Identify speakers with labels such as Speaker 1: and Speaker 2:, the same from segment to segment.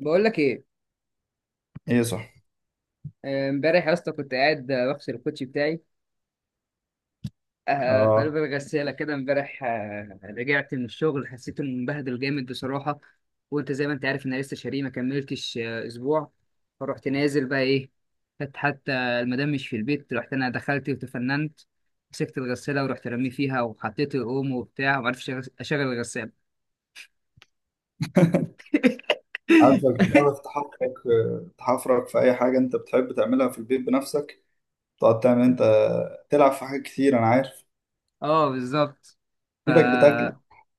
Speaker 1: بقول لك ايه؟
Speaker 2: ايه صح.
Speaker 1: امبارح يا اسطى كنت قاعد، بغسل الكوتشي بتاعي في قلب
Speaker 2: اه.
Speaker 1: الغساله كده. امبارح رجعت من الشغل، حسيت انه مبهدل جامد بصراحه. وانت زي ما انت عارف ان انا لسه شاريه، ما كملتش اسبوع. فرحت نازل بقى ايه، كانت حتى المدام مش في البيت. رحت انا، دخلت وتفننت. مسكت الغساله ورحت رميه فيها وحطيت الاوم وبتاع، وما عرفتش اشغل الغساله.
Speaker 2: عارفك بتعرف تحفرك، تحفرك في اي حاجه انت بتحب تعملها في البيت بنفسك، تقعد تعمل انت، تلعب في حاجات كتير، انا عارف.
Speaker 1: اه بالظبط.
Speaker 2: ايدك بتاكلك.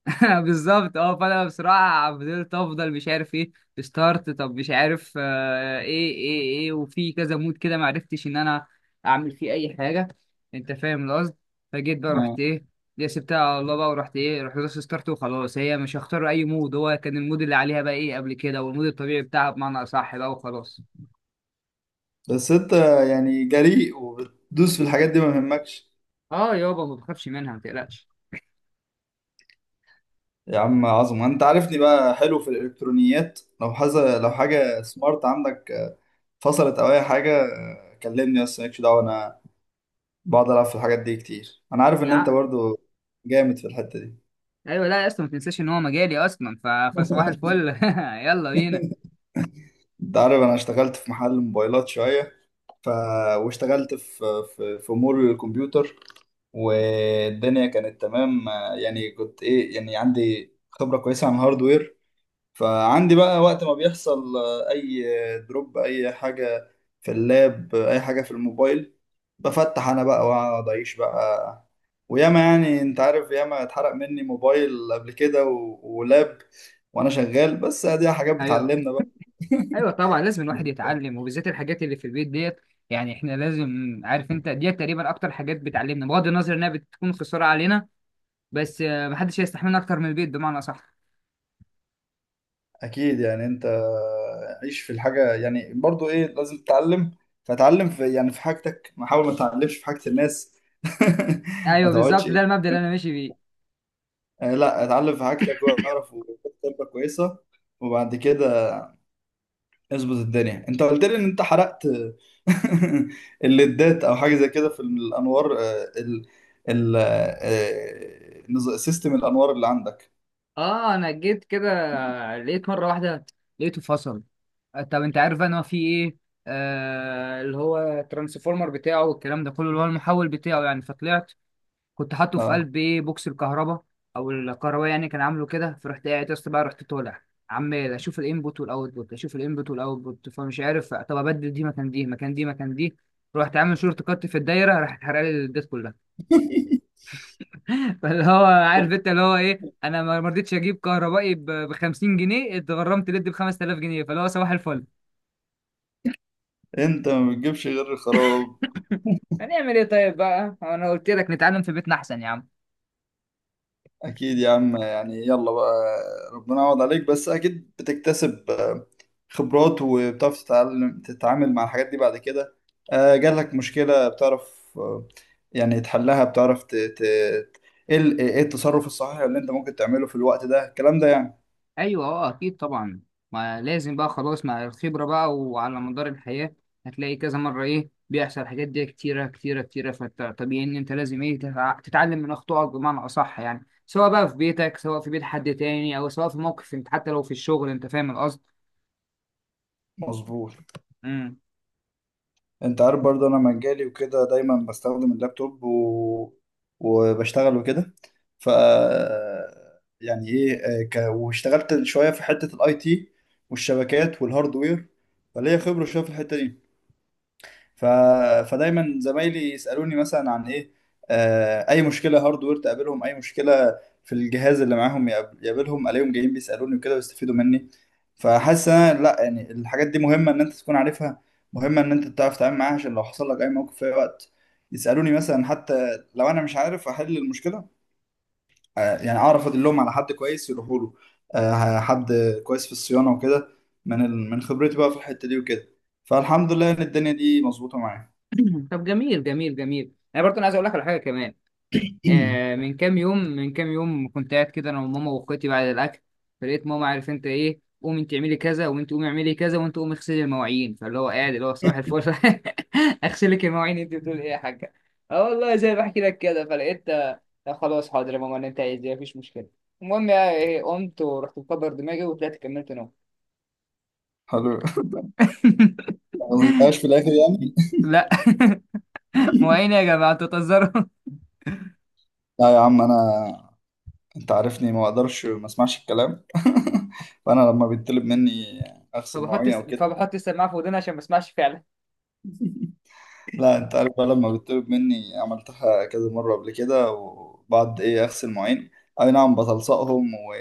Speaker 1: بالظبط اه. فانا بصراحه فضلت مش عارف ايه ستارت، طب مش عارف ايه. وفي كذا مود كده، ما عرفتش ان انا اعمل فيه اي حاجه. انت فاهم القصد. فجيت بقى، رحت
Speaker 2: اه.
Speaker 1: ايه، دي سبتها على الله بقى. ورحت ايه، رحت دوست ستارت، وخلاص. هي مش هختار اي مود، هو كان المود اللي عليها بقى ايه قبل كده، والمود الطبيعي بتاعها بمعنى اصح بقى، وخلاص.
Speaker 2: بس انت يعني جريء وبتدوس في الحاجات دي ما يهمكش.
Speaker 1: اه يابا، ما بخافش منها، ما تقلقش.
Speaker 2: يا عم عظمه، انت عارفني بقى حلو في الالكترونيات، لو حاجه سمارت عندك فصلت او اي حاجه كلمني، بس مالكش دعوه، انا بقعد العب في الحاجات دي كتير، انا عارف ان انت
Speaker 1: يا
Speaker 2: برضو جامد في الحته دي.
Speaker 1: ايوه لا يا اسطى، ما تنساش ان هو مجالي اصلا. فصباح الفل. يلا بينا.
Speaker 2: انت عارف انا اشتغلت في محل موبايلات شويه، ف... واشتغلت في امور الكمبيوتر، والدنيا كانت تمام. يعني كنت ايه، يعني عندي خبره كويسه عن الهاردوير. فعندي بقى وقت ما بيحصل اي دروب، اي حاجه في اللاب، اي حاجه في الموبايل، بفتح انا بقى واقعد اعيش بقى. وياما، يعني انت عارف، ياما اتحرق مني موبايل قبل كده ولاب، وانا شغال، بس دي حاجات
Speaker 1: ايوه،
Speaker 2: بتعلمنا بقى.
Speaker 1: ايوه طبعا، لازم الواحد يتعلم، وبالذات الحاجات اللي في البيت ديت. يعني احنا لازم. عارف انت ديت تقريبا اكتر حاجات بتعلمنا، بغض النظر انها بتكون خساره علينا. بس محدش هيستحملنا اكتر من البيت، بمعنى صح.
Speaker 2: اكيد، يعني انت عيش في الحاجه، يعني برضو ايه لازم تتعلم. فتعلم في يعني في حاجتك، ما حاول ما تتعلمش في حاجه الناس. ما
Speaker 1: ايوه
Speaker 2: تقعدش
Speaker 1: بالظبط،
Speaker 2: ايه،
Speaker 1: ده المبدأ اللي انا ماشي بيه.
Speaker 2: لا، اتعلم في حاجتك، واعرف وخد خبره كويسه، وبعد كده اظبط الدنيا. انت قلت لي ان انت حرقت الليدات او حاجه زي كده في الانوار، سيستم الانوار اللي عندك.
Speaker 1: اه انا جيت كده، لقيت مره واحده، لقيته فصل. طب انت عارف بقى ان هو في ايه، اللي هو الترانسفورمر بتاعه والكلام ده كله، اللي هو المحول بتاعه يعني، فطلعت. كنت حاطه في
Speaker 2: اه.
Speaker 1: قلب ايه بوكس الكهرباء، او الكهرباء يعني، كان عامله كده. فرحت قاعد يا اسطى بقى، رحت طالع. عمال اشوف الانبوت والاوتبوت، اشوف الانبوت والاوتبوت، فمش عارف. طب ابدل دي مكان دي، مكان دي، مكان دي. رحت عامل شورت كات في الدايره، راحت حرق لي الديت كلها. فاللي هو، عارف انت اللي هو ايه، انا ما رضيتش اجيب كهربائي ب 50 جنيه، اتغرمت ليد ب 5000 جنيه. فاللي هو صباح الفل.
Speaker 2: انت ما بتجيبش غير الخراب.
Speaker 1: هنعمل ايه طيب بقى، انا قلت لك نتعلم في بيتنا احسن يا عم.
Speaker 2: أكيد يا عم، يعني يلا بقى، ربنا يعوض عليك، بس أكيد بتكتسب خبرات، وبتعرف تتعلم تتعامل مع الحاجات دي بعد كده. جالك مشكلة بتعرف، يعني تحلها، بتعرف إيه التصرف الصحيح اللي أنت ممكن تعمله في الوقت ده، الكلام ده يعني.
Speaker 1: ايوه اه اكيد طبعا. ما لازم بقى خلاص، مع الخبره بقى وعلى مدار الحياه. هتلاقي كذا مره ايه بيحصل، الحاجات دي كتيره كتيره كتيره. فطبيعي ان انت لازم ايه تتعلم من اخطائك، بمعنى اصح. يعني سواء بقى في بيتك، سواء في بيت حد تاني، او سواء في موقف انت، حتى لو في الشغل. انت فاهم القصد.
Speaker 2: مظبوط.
Speaker 1: امم.
Speaker 2: انت عارف برضه انا مجالي وكده، دايما بستخدم اللابتوب وبشتغل وكده. ف يعني ايه، واشتغلت شويه في حته الاي تي والشبكات والهاردوير، فليا خبره شويه في الحته دي. ف... فدايما زمايلي يسألوني مثلا عن ايه، اي مشكلة هاردوير تقابلهم، اي مشكلة في الجهاز اللي معاهم يقابلهم، الاقيهم جايين بيسألوني وكده ويستفيدوا مني. فحاسس إن أنا، لا يعني الحاجات دي مهمة ان انت تكون عارفها، مهمة ان انت تعرف تتعامل معاها عشان لو حصل لك اي موقف في اي وقت. يسألوني مثلا، حتى لو انا مش عارف احل المشكلة، يعني اعرف ادلهم على حد كويس يروحوا له، حد كويس في الصيانة وكده، من خبرتي بقى في الحتة دي وكده. فالحمد لله ان الدنيا دي مظبوطة معايا.
Speaker 1: طب جميل جميل جميل. انا برضه عايز اقول لك على حاجه كمان. من كام يوم كنت قاعد كده، انا وماما واخواتي، بعد الاكل. فلقيت ماما، عارف انت ايه، قومي انت اعملي كذا، وانت قومي اعملي كذا، وانت قومي اغسلي المواعين. فاللي هو قاعد، اللي هو صباح الفل. اغسلك المواعين؟ انت بتقول ايه يا حاجه؟ اه والله زي ما بحكي لك كده. فلقيت خلاص حاضر يا ماما، اللي انت عايزاه مفيش مشكله. المهم يعني إيه، قمت ورحت مكبر دماغي وطلعت كملت نوم.
Speaker 2: حلو، ما قلتهاش في الاخر يعني.
Speaker 1: لا. مواعين يا جماعه، انتوا بتهزروا؟
Speaker 2: لا يا عم، انا انت عارفني ما اقدرش ما اسمعش الكلام. فانا لما بيطلب مني اغسل مواعين او كده.
Speaker 1: فبحط السماعه في ودني عشان ما اسمعش فعلا.
Speaker 2: لا، انت عارف بقى، لما بيطلب مني عملتها كذا مره قبل كده، وبعد ايه اغسل مواعين. اي نعم، بتلصقهم، و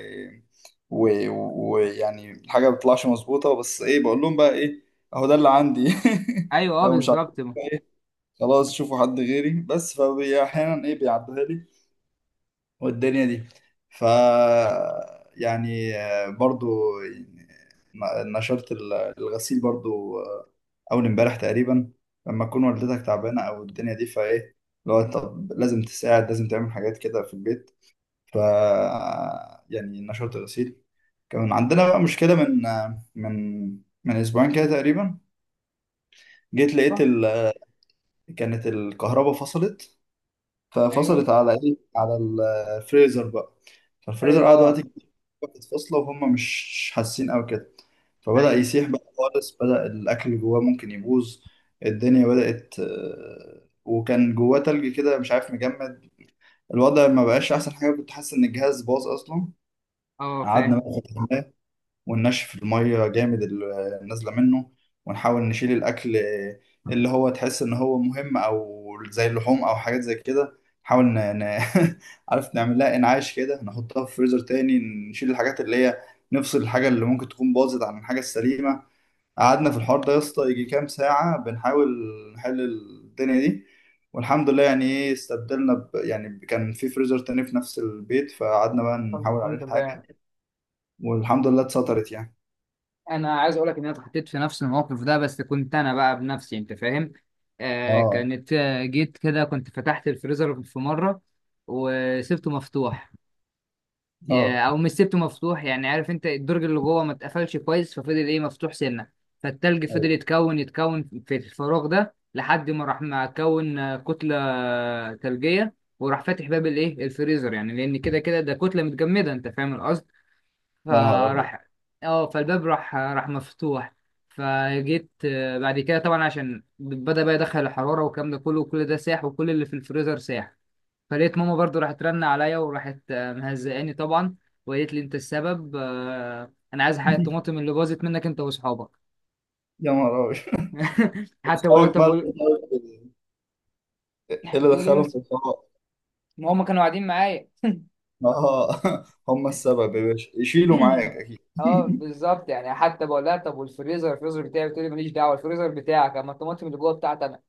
Speaker 2: ويعني و... ويعني الحاجه ما بتطلعش مظبوطه، بس ايه بقول لهم بقى ايه، اهو ده اللي عندي.
Speaker 1: ايوه اه
Speaker 2: لو مش عاجبكم
Speaker 1: بالظبط.
Speaker 2: خلاص شوفوا حد غيري، بس فاحيانا ايه بيعدوها لي والدنيا دي. ف يعني برضو يعني نشرت الغسيل برضو، اول امبارح تقريبا. لما تكون والدتك تعبانه او الدنيا دي فايه، لو طب لازم تساعد لازم تعمل حاجات كده في البيت. ف يعني نشرت الغسيل. كان عندنا بقى مشكله من آه، من من اسبوعين كده تقريبا. جيت لقيت
Speaker 1: صح.
Speaker 2: كانت الكهرباء فصلت،
Speaker 1: ايوه،
Speaker 2: ففصلت على ايه، على الفريزر بقى، فالفريزر
Speaker 1: ايوه،
Speaker 2: قعد وقت
Speaker 1: اه،
Speaker 2: كتير، كانت فاصله وهم مش حاسين او كده. فبدأ
Speaker 1: ايوه،
Speaker 2: يسيح بقى خالص، بدأ الاكل اللي جواه ممكن يبوظ، الدنيا بدأت. وكان جواه تلج كده مش عارف، مجمد. الوضع ما بقاش احسن حاجه، كنت حاسس ان الجهاز باظ اصلا.
Speaker 1: اه
Speaker 2: قعدنا
Speaker 1: فاهم.
Speaker 2: بقى وننشف المية جامد اللي نازلة منه، ونحاول نشيل الأكل اللي هو تحس إن هو مهم، أو زي اللحوم أو حاجات زي كده. نحاول عارف نعمل لها إنعاش كده، نحطها في فريزر تاني. نشيل الحاجات اللي هي، نفصل الحاجة اللي ممكن تكون باظت عن الحاجة السليمة. قعدنا في الحوار ده يا اسطى يجي كام ساعة بنحاول نحل الدنيا دي، والحمد لله يعني ايه استبدلنا يعني كان في فريزر تاني في نفس البيت، فقعدنا بقى
Speaker 1: طب
Speaker 2: نحاول عليه
Speaker 1: الحمد
Speaker 2: الحاجة.
Speaker 1: لله.
Speaker 2: والحمد لله اتسطرت يعني.
Speaker 1: انا عايز اقول لك ان انا اتحطيت في نفس الموقف ده، بس كنت انا بقى بنفسي. انت فاهم.
Speaker 2: اه.
Speaker 1: كانت آه، جيت كده، كنت فتحت الفريزر في مره وسبته مفتوح.
Speaker 2: اه.
Speaker 1: او مش سبته مفتوح يعني، عارف انت الدرج اللي جوه ما اتقفلش كويس، ففضل ايه مفتوح سنه. فالتلج فضل
Speaker 2: ايوه.
Speaker 1: يتكون في الفراغ ده، لحد ما راح ما كون كتله ثلجيه. وراح فاتح باب الايه الفريزر يعني، لان كده كده ده كتله متجمده، انت فاهم.
Speaker 2: يا نهار ابيض.
Speaker 1: فراح، اه فالباب راح مفتوح. فجيت بعد كده طبعا، عشان بدأ بقى يدخل الحرارة والكلام ده كله، وكل ده ساح وكل اللي في الفريزر ساح. فلقيت ماما برضو راحت رن عليا، وراحت مهزقاني طبعا. وقالت لي انت السبب، انا عايز حق الطماطم اللي باظت منك انت واصحابك.
Speaker 2: يا نهار ابيط.
Speaker 1: حتى بقول لها
Speaker 2: اصحابك
Speaker 1: طب،
Speaker 2: مالهم طيب؟ ايه اللي
Speaker 1: بتقول ايه
Speaker 2: دخلهم في
Speaker 1: مثلا؟
Speaker 2: الحوار؟
Speaker 1: ما هم كانوا قاعدين معايا.
Speaker 2: اه. هم السبب يا باشا، يشيلوا معاك اكيد.
Speaker 1: اه بالظبط يعني. حتى بقول لها طب، والفريزر بتاعي؟ بتقول لي ماليش دعوه الفريزر بتاعك، اما الطماطم اللي جوه بتاعتي انا.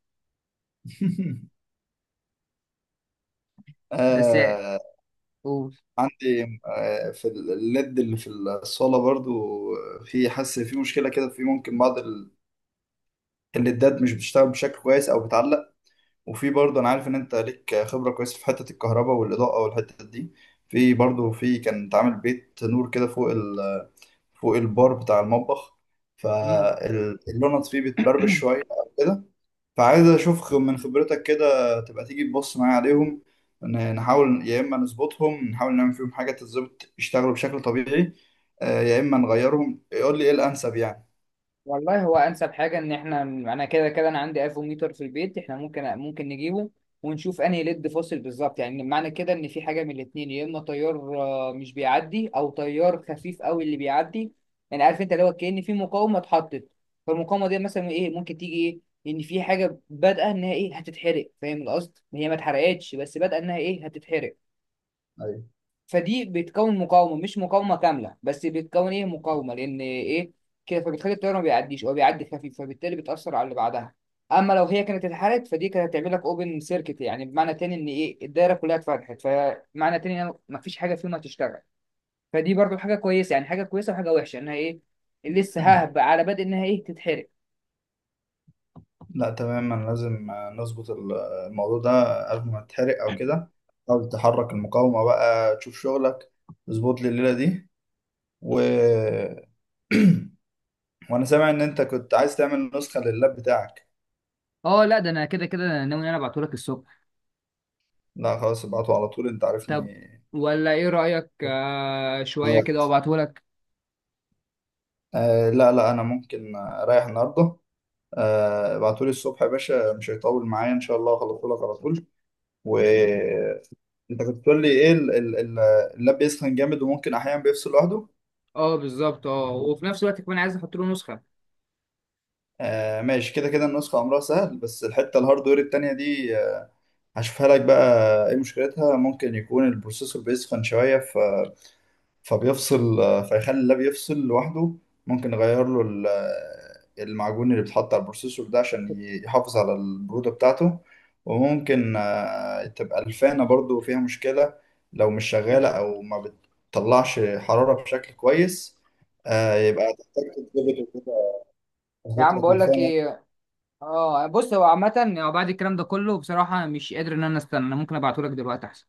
Speaker 1: بس.
Speaker 2: آه
Speaker 1: قول.
Speaker 2: عندي في الليد اللي في الصاله برضو، في حاسس في مشكله كده، في ممكن بعض الليدات مش بتشتغل بشكل كويس او بتعلق. وفي برضو انا عارف ان انت ليك خبره كويسه في حته الكهرباء والاضاءه والحته دي. في برضو، في كان اتعمل بيت نور كده فوق، فوق البار بتاع المطبخ،
Speaker 1: مم.
Speaker 2: فاللونات فيه بتبربش شوية أو كده. فعايز أشوف من خبرتك كده تبقى تيجي تبص معايا عليهم، نحاول يا إما نظبطهم، نحاول نعمل فيهم حاجة تظبط يشتغلوا بشكل طبيعي، يا إما نغيرهم، يقول لي إيه الأنسب يعني.
Speaker 1: والله، هو انسب حاجه ان احنا، انا كده كده، انا عندي افوميتر في البيت. احنا ممكن نجيبه ونشوف انهي ليد فاصل بالظبط. يعني معنى كده ان في حاجه من الاتنين: يا اما تيار مش بيعدي، او تيار خفيف قوي اللي بيعدي. يعني عارف انت، اللي هو كأن في مقاومه اتحطت. فالمقاومه دي مثلا ايه، ممكن تيجي ايه، ان في حاجه بادئه انها ايه هتتحرق، فاهم القصد. هي ما اتحرقتش، بس بادئه انها ايه هتتحرق.
Speaker 2: أيوة.
Speaker 1: فدي بتكون مقاومه مش مقاومه كامله، بس بتكون ايه مقاومه لان ايه كده، فبتخلي الطياره ما بيعديش، هو بيعدي خفيف، فبالتالي بتاثر على اللي بعدها. اما لو هي كانت اتحرقت، فدي كانت هتعمل لك اوبن سيركت، يعني بمعنى تاني ان ايه الدايره كلها اتفتحت، فمعنى تاني ان ما فيش حاجه فيهم هتشتغل. فدي برضو حاجه كويسه، يعني حاجه كويسه، وحاجه وحشه انها ايه لسه ههب على بدء انها ايه تتحرق.
Speaker 2: لا تمام، أنا لازم نظبط الموضوع ده قبل ما تتحرق أو كده، حاول تحرك المقاومة بقى تشوف شغلك، اظبط لي الليلة دي. و وانا سامع ان انت كنت عايز تعمل نسخة لللاب بتاعك.
Speaker 1: اه لا، ده انا كده كده ناوي ان انا ابعتهولك الصبح.
Speaker 2: لا خلاص، ابعته على طول، انت عارفني.
Speaker 1: طب ولا ايه رايك، شويه كده
Speaker 2: خلاص.
Speaker 1: وابعتهولك.
Speaker 2: آه لا لا، انا ممكن اريح النهارده. آه ابعتولي الصبح يا باشا، مش هيطول معايا ان شاء الله، هخلصهولك على طول. وانت كنت بتقول لي ايه اللاب بيسخن جامد، وممكن احيانا بيفصل لوحده.
Speaker 1: اه بالظبط. اه وفي نفس الوقت كمان عايز احط له نسخه.
Speaker 2: آه ماشي، كده كده النسخة امرها سهل، بس الحتة الهاردوير التانية دي هشوفها لك بقى ايه مشكلتها. ممكن يكون البروسيسور بيسخن شوية فبيفصل، فيخلي اللاب يفصل لوحده. ممكن نغير له المعجون اللي بيتحط على البروسيسور ده عشان يحافظ على البرودة بتاعته. وممكن تبقى الفانة برضو فيها مشكلة، لو مش شغالة أو ما بتطلعش حرارة بشكل كويس، يبقى تحتاج تتظبط وكده.
Speaker 1: يا
Speaker 2: أظبط
Speaker 1: عم
Speaker 2: لك
Speaker 1: بقول لك
Speaker 2: الفانة.
Speaker 1: ايه، اه بص، هو عامه، بعد الكلام ده كله بصراحه مش قادر ان انا استنى. انا ممكن ابعته لك دلوقتي احسن.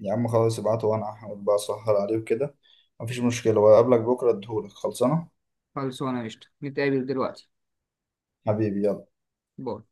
Speaker 2: يا عم خلاص، ابعته وأنا هحاول بقى أسهر عليه وكده، مفيش مشكلة، وأقابلك بكرة أديهولك خلصانة.
Speaker 1: خلص، وانا قشطه، نتقابل دلوقتي.
Speaker 2: حبيبي يلا.
Speaker 1: باي.